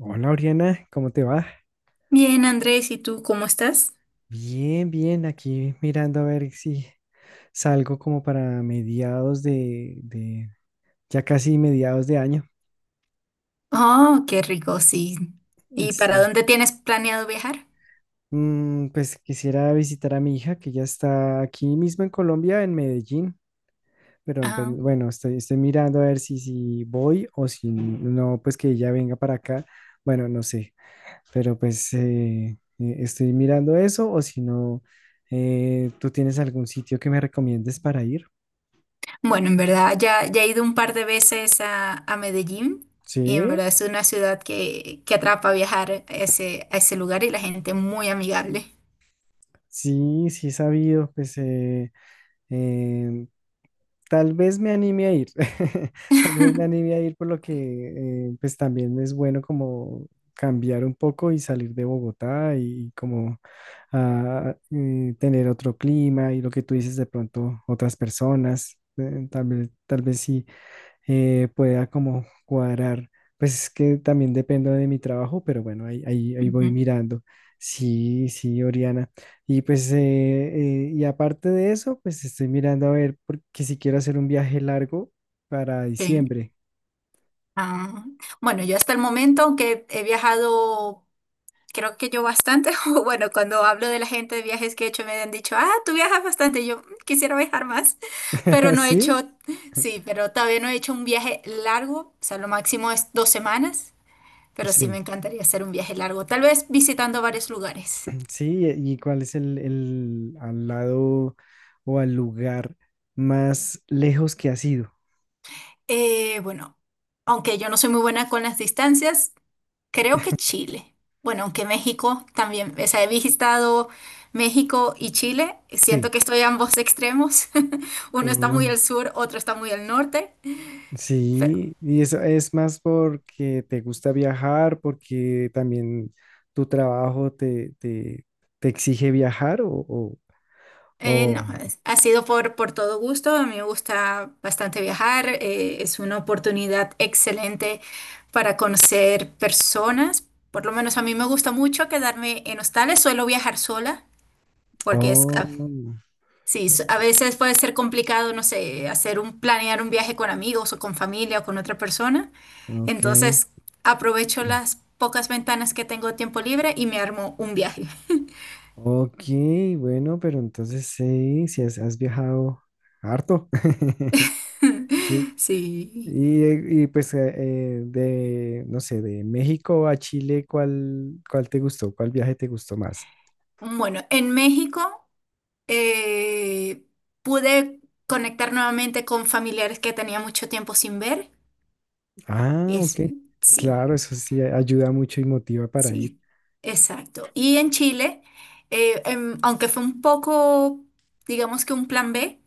Hola, Oriana, ¿cómo te va? Bien, Andrés, ¿y tú cómo estás? Bien, bien, aquí mirando a ver si salgo como para mediados de, ya casi mediados de año. Oh, qué rico, sí. ¿Y para Sí. dónde tienes planeado viajar? Pues quisiera visitar a mi hija que ya está aquí mismo en Colombia, en Medellín, pero pues, Ah, bueno, estoy mirando a ver si, si voy o si no, pues que ella venga para acá. Bueno, no sé, pero pues estoy mirando eso o si no, ¿tú tienes algún sitio que me recomiendes para ir? bueno, en verdad ya he ido un par de veces a Medellín y en Sí, verdad es una ciudad que atrapa viajar a ese lugar y la gente muy amigable. sí, sí he sabido, pues em, tal vez me anime a ir, tal vez me anime a ir por lo que pues también es bueno como cambiar un poco y salir de Bogotá y, como tener otro clima y lo que tú dices de pronto otras personas, tal vez sí pueda como cuadrar. Pues es que también dependo de mi trabajo, pero bueno, ahí Ujú, voy mirando. Sí, sí, Oriana. Y pues, y aparte de eso, pues estoy mirando a ver, porque si quiero hacer un viaje largo para sí. diciembre. Ah, bueno, yo hasta el momento, aunque he viajado creo que yo bastante, o bueno, cuando hablo de la gente de viajes que he hecho, me han dicho, ah, tú viajas bastante, y yo "Mm, quisiera viajar más, pero no he ¿Sí? hecho. Sí, pero todavía no he hecho un viaje largo, o sea, lo máximo es dos semanas, pero sí me Sí, encantaría hacer un viaje largo, tal vez visitando varios lugares. sí. ¿Y cuál es el al lado o al lugar más lejos que ha sido? Bueno, aunque yo no soy muy buena con las distancias, creo que Chile. Bueno, aunque México también, o sea, he visitado México y Chile. Siento Sí. que estoy a ambos extremos. Uno está muy al sur, otro está muy al norte. Pero Sí, y eso es más porque te gusta viajar, porque también tu trabajo te exige viajar no, ha sido por todo gusto. A mí me gusta bastante viajar. Es una oportunidad excelente para conocer personas. Por lo menos a mí me gusta mucho quedarme en hostales. Suelo viajar sola porque es, oh, sí, a veces puede ser complicado, no sé, planear un viaje con amigos o con familia o con otra persona. ok. Entonces, aprovecho las pocas ventanas que tengo de tiempo libre y me armo un viaje. Ok, bueno, pero entonces sí, si has viajado harto. Sí, Sí. Y pues de, no sé, de México a Chile, ¿cuál te gustó? ¿Cuál viaje te gustó más? Bueno, en México eh, pude conectar nuevamente con familiares que tenía mucho tiempo sin ver. Ah, ok. Es, sí. Claro, eso sí ayuda mucho y motiva para ir. Sí, exacto. Y en Chile, aunque fue un poco, digamos que un plan B,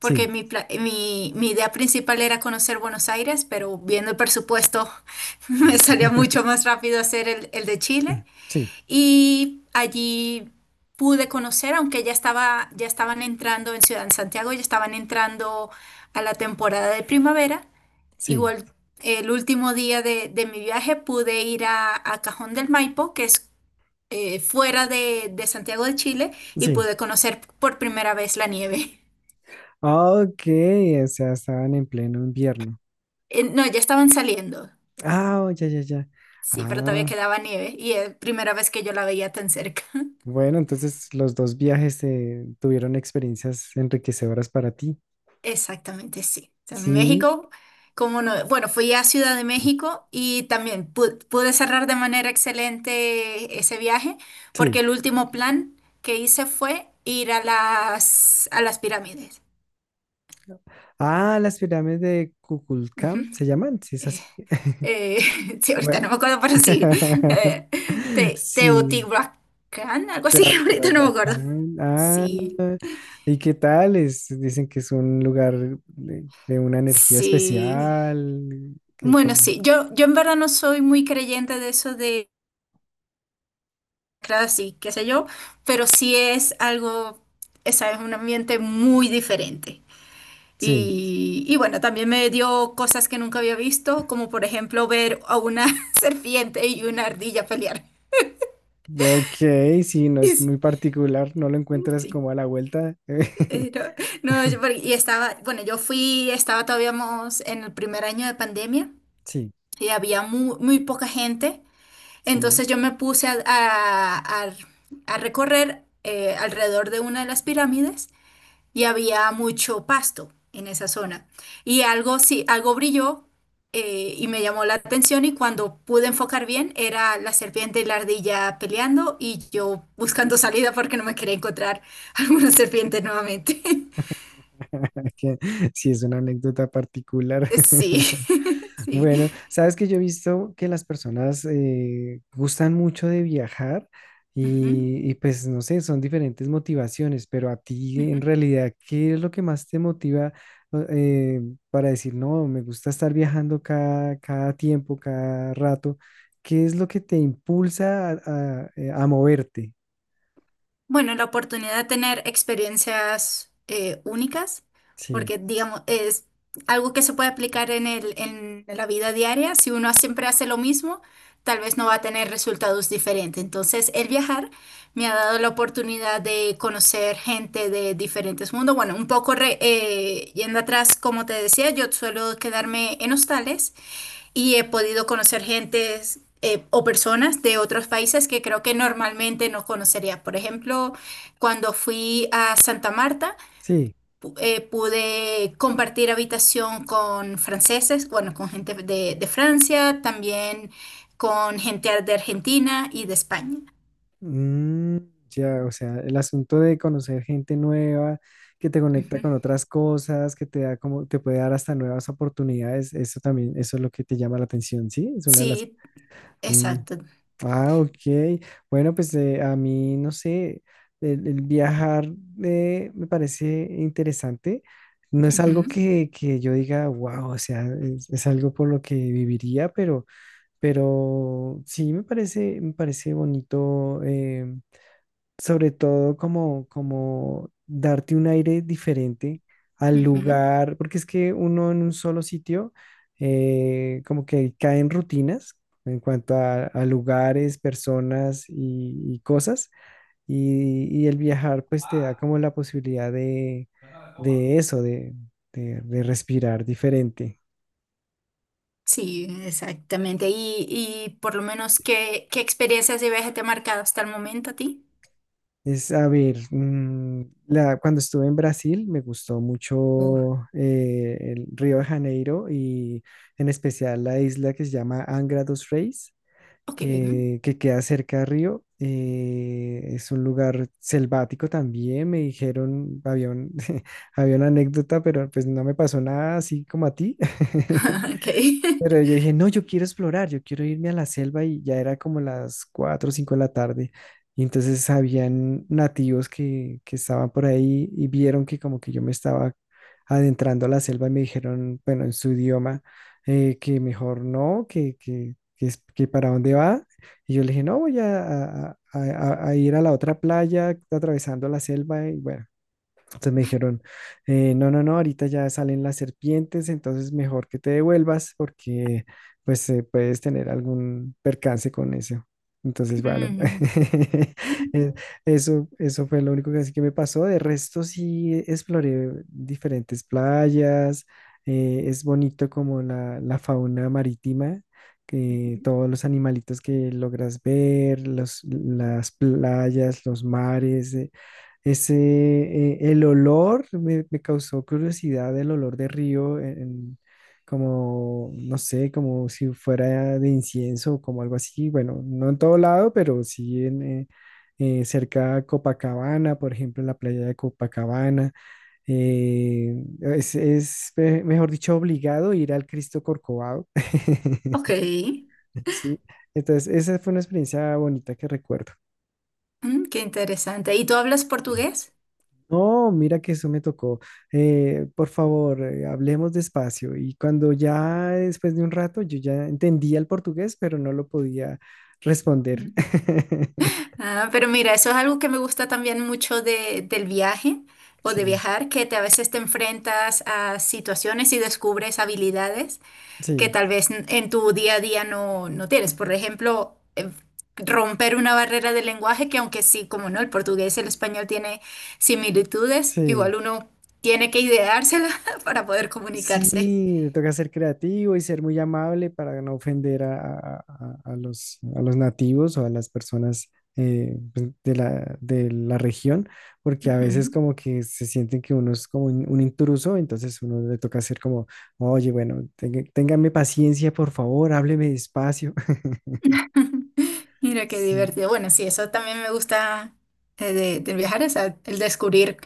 Sí, mi idea principal era conocer Buenos Aires, pero viendo el presupuesto me salía mucho más rápido hacer el de Chile. sí, Y allí pude conocer, aunque ya estaban entrando en Ciudad de Santiago, ya estaban entrando a la temporada de primavera. sí, Igual, el último día de mi viaje pude ir a Cajón del Maipo, que es fuera de Santiago de Chile, y sí. pude conocer por primera vez la nieve. Ah, ok, o sea, estaban en pleno invierno. No, ya estaban saliendo, Ah, oh, ya, ya, ya. sí, pero todavía Ah, quedaba nieve y es la primera vez que yo la veía tan cerca. bueno, entonces los dos viajes tuvieron experiencias enriquecedoras para ti. Exactamente, sí. O sea, en Sí, México, como no, bueno, fui a Ciudad de México y también pude cerrar de manera excelente ese viaje, sí. porque el último plan que hice fue ir a las pirámides. Ah, las pirámides de Kukulcán Ujú. se llaman, sí, es así. Eh, sí, ahorita no Bueno. me acuerdo, pero sí. Eh, Sí, Teotihuacán, algo así, ahorita no me acuerdo. Teotihuacán. Ah, Sí, ¿y qué tal? Dicen que es un lugar de una energía sí. especial. Que Bueno, como. sí, yo en verdad no soy muy creyente de eso. Claro, sí, qué sé yo, pero sí es algo, esa es un ambiente muy diferente. Sí. Y bueno, también me dio cosas que nunca había visto, como por ejemplo ver a una serpiente y una ardilla pelear. Ok, sí, no es Y muy particular, no lo sí, encuentras sí, como a la vuelta. eh, no, no, y estaba, bueno, yo fui, estaba todavía más en el primer año de pandemia Sí, y había muy, muy poca gente, sí. entonces yo me puse a recorrer alrededor de una de las pirámides. Y había mucho pasto en esa zona. Y algo, sí, algo brilló y me llamó la atención y cuando pude enfocar bien era la serpiente y la ardilla peleando y yo buscando salida porque no me quería encontrar alguna serpiente nuevamente. que Sí, es una anécdota particular. Sí, sí. Bueno, sabes que yo he visto que las personas gustan mucho de viajar Ujú, y pues no sé, son diferentes motivaciones, pero a ti ujú. en realidad, ¿qué es lo que más te motiva o- eh, para decir, no, me gusta estar viajando cada tiempo, cada rato? ¿Qué es lo que te impulsa a, a moverte? Bueno, la oportunidad de tener experiencias únicas, Sí, porque digamos, es algo que se puede aplicar en la vida diaria. Si uno siempre hace lo mismo, tal vez no va a tener resultados diferentes. Entonces, el viajar me ha dado la oportunidad de conocer gente de diferentes mundos. Bueno, un poco yendo atrás, como te decía, yo suelo quedarme en hostales y he podido conocer gentes o personas de otros países que creo que normalmente no conocería. Por ejemplo, cuando fui a Santa Marta, sí. Pude compartir habitación con franceses, bueno, con gente de Francia, también con gente de Argentina y de España. Mm, ya, o sea, el asunto de conocer gente nueva, que te conecta con Ujú. otras cosas, que te da como, te puede dar hasta nuevas oportunidades, eso también, eso es lo que te llama la atención, ¿sí? Es una de las. Sí, Mm, exacto. ah, ok. Bueno, pues a mí, no sé, el viajar me parece interesante. No es algo Ujú, que yo diga, wow, o sea, es algo por lo que viviría, pero sí me parece bonito. Sobre todo como, como darte un aire diferente al ujú. lugar, porque es que uno en un solo sitio como que cae en rutinas en cuanto a lugares, personas y cosas, y el viajar pues te da como la posibilidad de eso, de, de respirar diferente. Sí, exactamente. Y por lo menos, ¿qué experiencias de viaje te ha marcado hasta el momento a ti? A ver, cuando estuve en Brasil me gustó mucho el Río de Janeiro y en especial la isla que se llama Angra dos Reis, Ok. Que queda cerca de Río. Es un lugar selvático también, me dijeron, había una anécdota, pero pues no me pasó nada así como a ti. Ok. Pero yo dije, no, yo quiero explorar, yo quiero irme a la selva y ya era como las 4 o 5 de la tarde. Y entonces habían nativos que estaban por ahí y vieron que como que yo me estaba adentrando a la selva y me dijeron, bueno, en su idioma, que mejor no, que para dónde va. Y yo le dije, no, voy a ir a la otra playa atravesando la selva y bueno. Entonces me dijeron, no, no, no, ahorita ya salen las serpientes, entonces mejor que te devuelvas porque pues puedes tener algún percance con eso. Entonces, bueno, Mm. eh, eso fue lo único que, así que me pasó. De resto sí exploré diferentes playas, es bonito como la fauna marítima, que todos los animalitos que logras ver, las playas, los mares. El olor me causó curiosidad, el olor de río, como, no sé, como si fuera de incienso, o como algo así. Bueno, no en todo lado, pero sí cerca a Copacabana, por ejemplo, en la playa de Copacabana. Eh, mejor dicho, obligado ir al Cristo Corcovado. Ok. Sí, entonces esa fue una experiencia bonita que recuerdo. Mm, qué interesante. ¿Y tú hablas portugués? No, mira que eso me tocó. Por favor, hablemos despacio. Y cuando ya después de un rato yo ya entendía el portugués, pero no lo podía responder. Mm. Ah, pero mira, eso es algo que me gusta también mucho del viaje o de Sí, viajar, que a veces te enfrentas a situaciones y descubres habilidades que sí, tal vez en tu día a día no tienes. Por ejemplo, romper una barrera del lenguaje que aunque sí, como no, el portugués y el español tiene similitudes, sí. igual uno tiene que ideársela para poder comunicarse. Sí, te toca ser creativo y ser muy amable para no ofender a los nativos o a las personas pues, de la región, porque a veces Ujú. como que se sienten que uno es como un intruso, entonces uno le toca ser como, oye, bueno, téngame paciencia, por favor, hábleme despacio. Mira qué Sí, divertido. Bueno, sí, eso también me gusta de viajar, o sea, el descubrir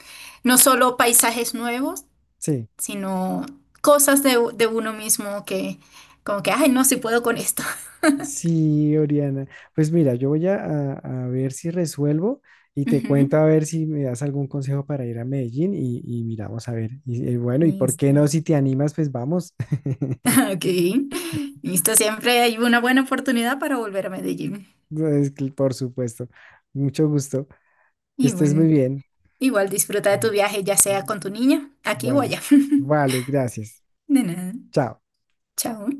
no solo paisajes nuevos, sí. sino cosas de uno mismo que como que, ay, no, si puedo con esto. Sí, Oriana. Pues mira, yo voy a ver si resuelvo y te cuento a Ujú. ver si me das algún consejo para ir a Medellín y miramos a ver. Y bueno, y por qué Listo. no, si te animas, pues vamos. Ok. Listo, siempre hay una buena oportunidad para volver a Medellín. Pues, por supuesto. Mucho gusto. Que estés muy Igual, bien. igual, disfruta de Mm. tu viaje, ya sea Mm, con tu niña, aquí o vale. allá. Vale, gracias. De nada. Chao. Chao.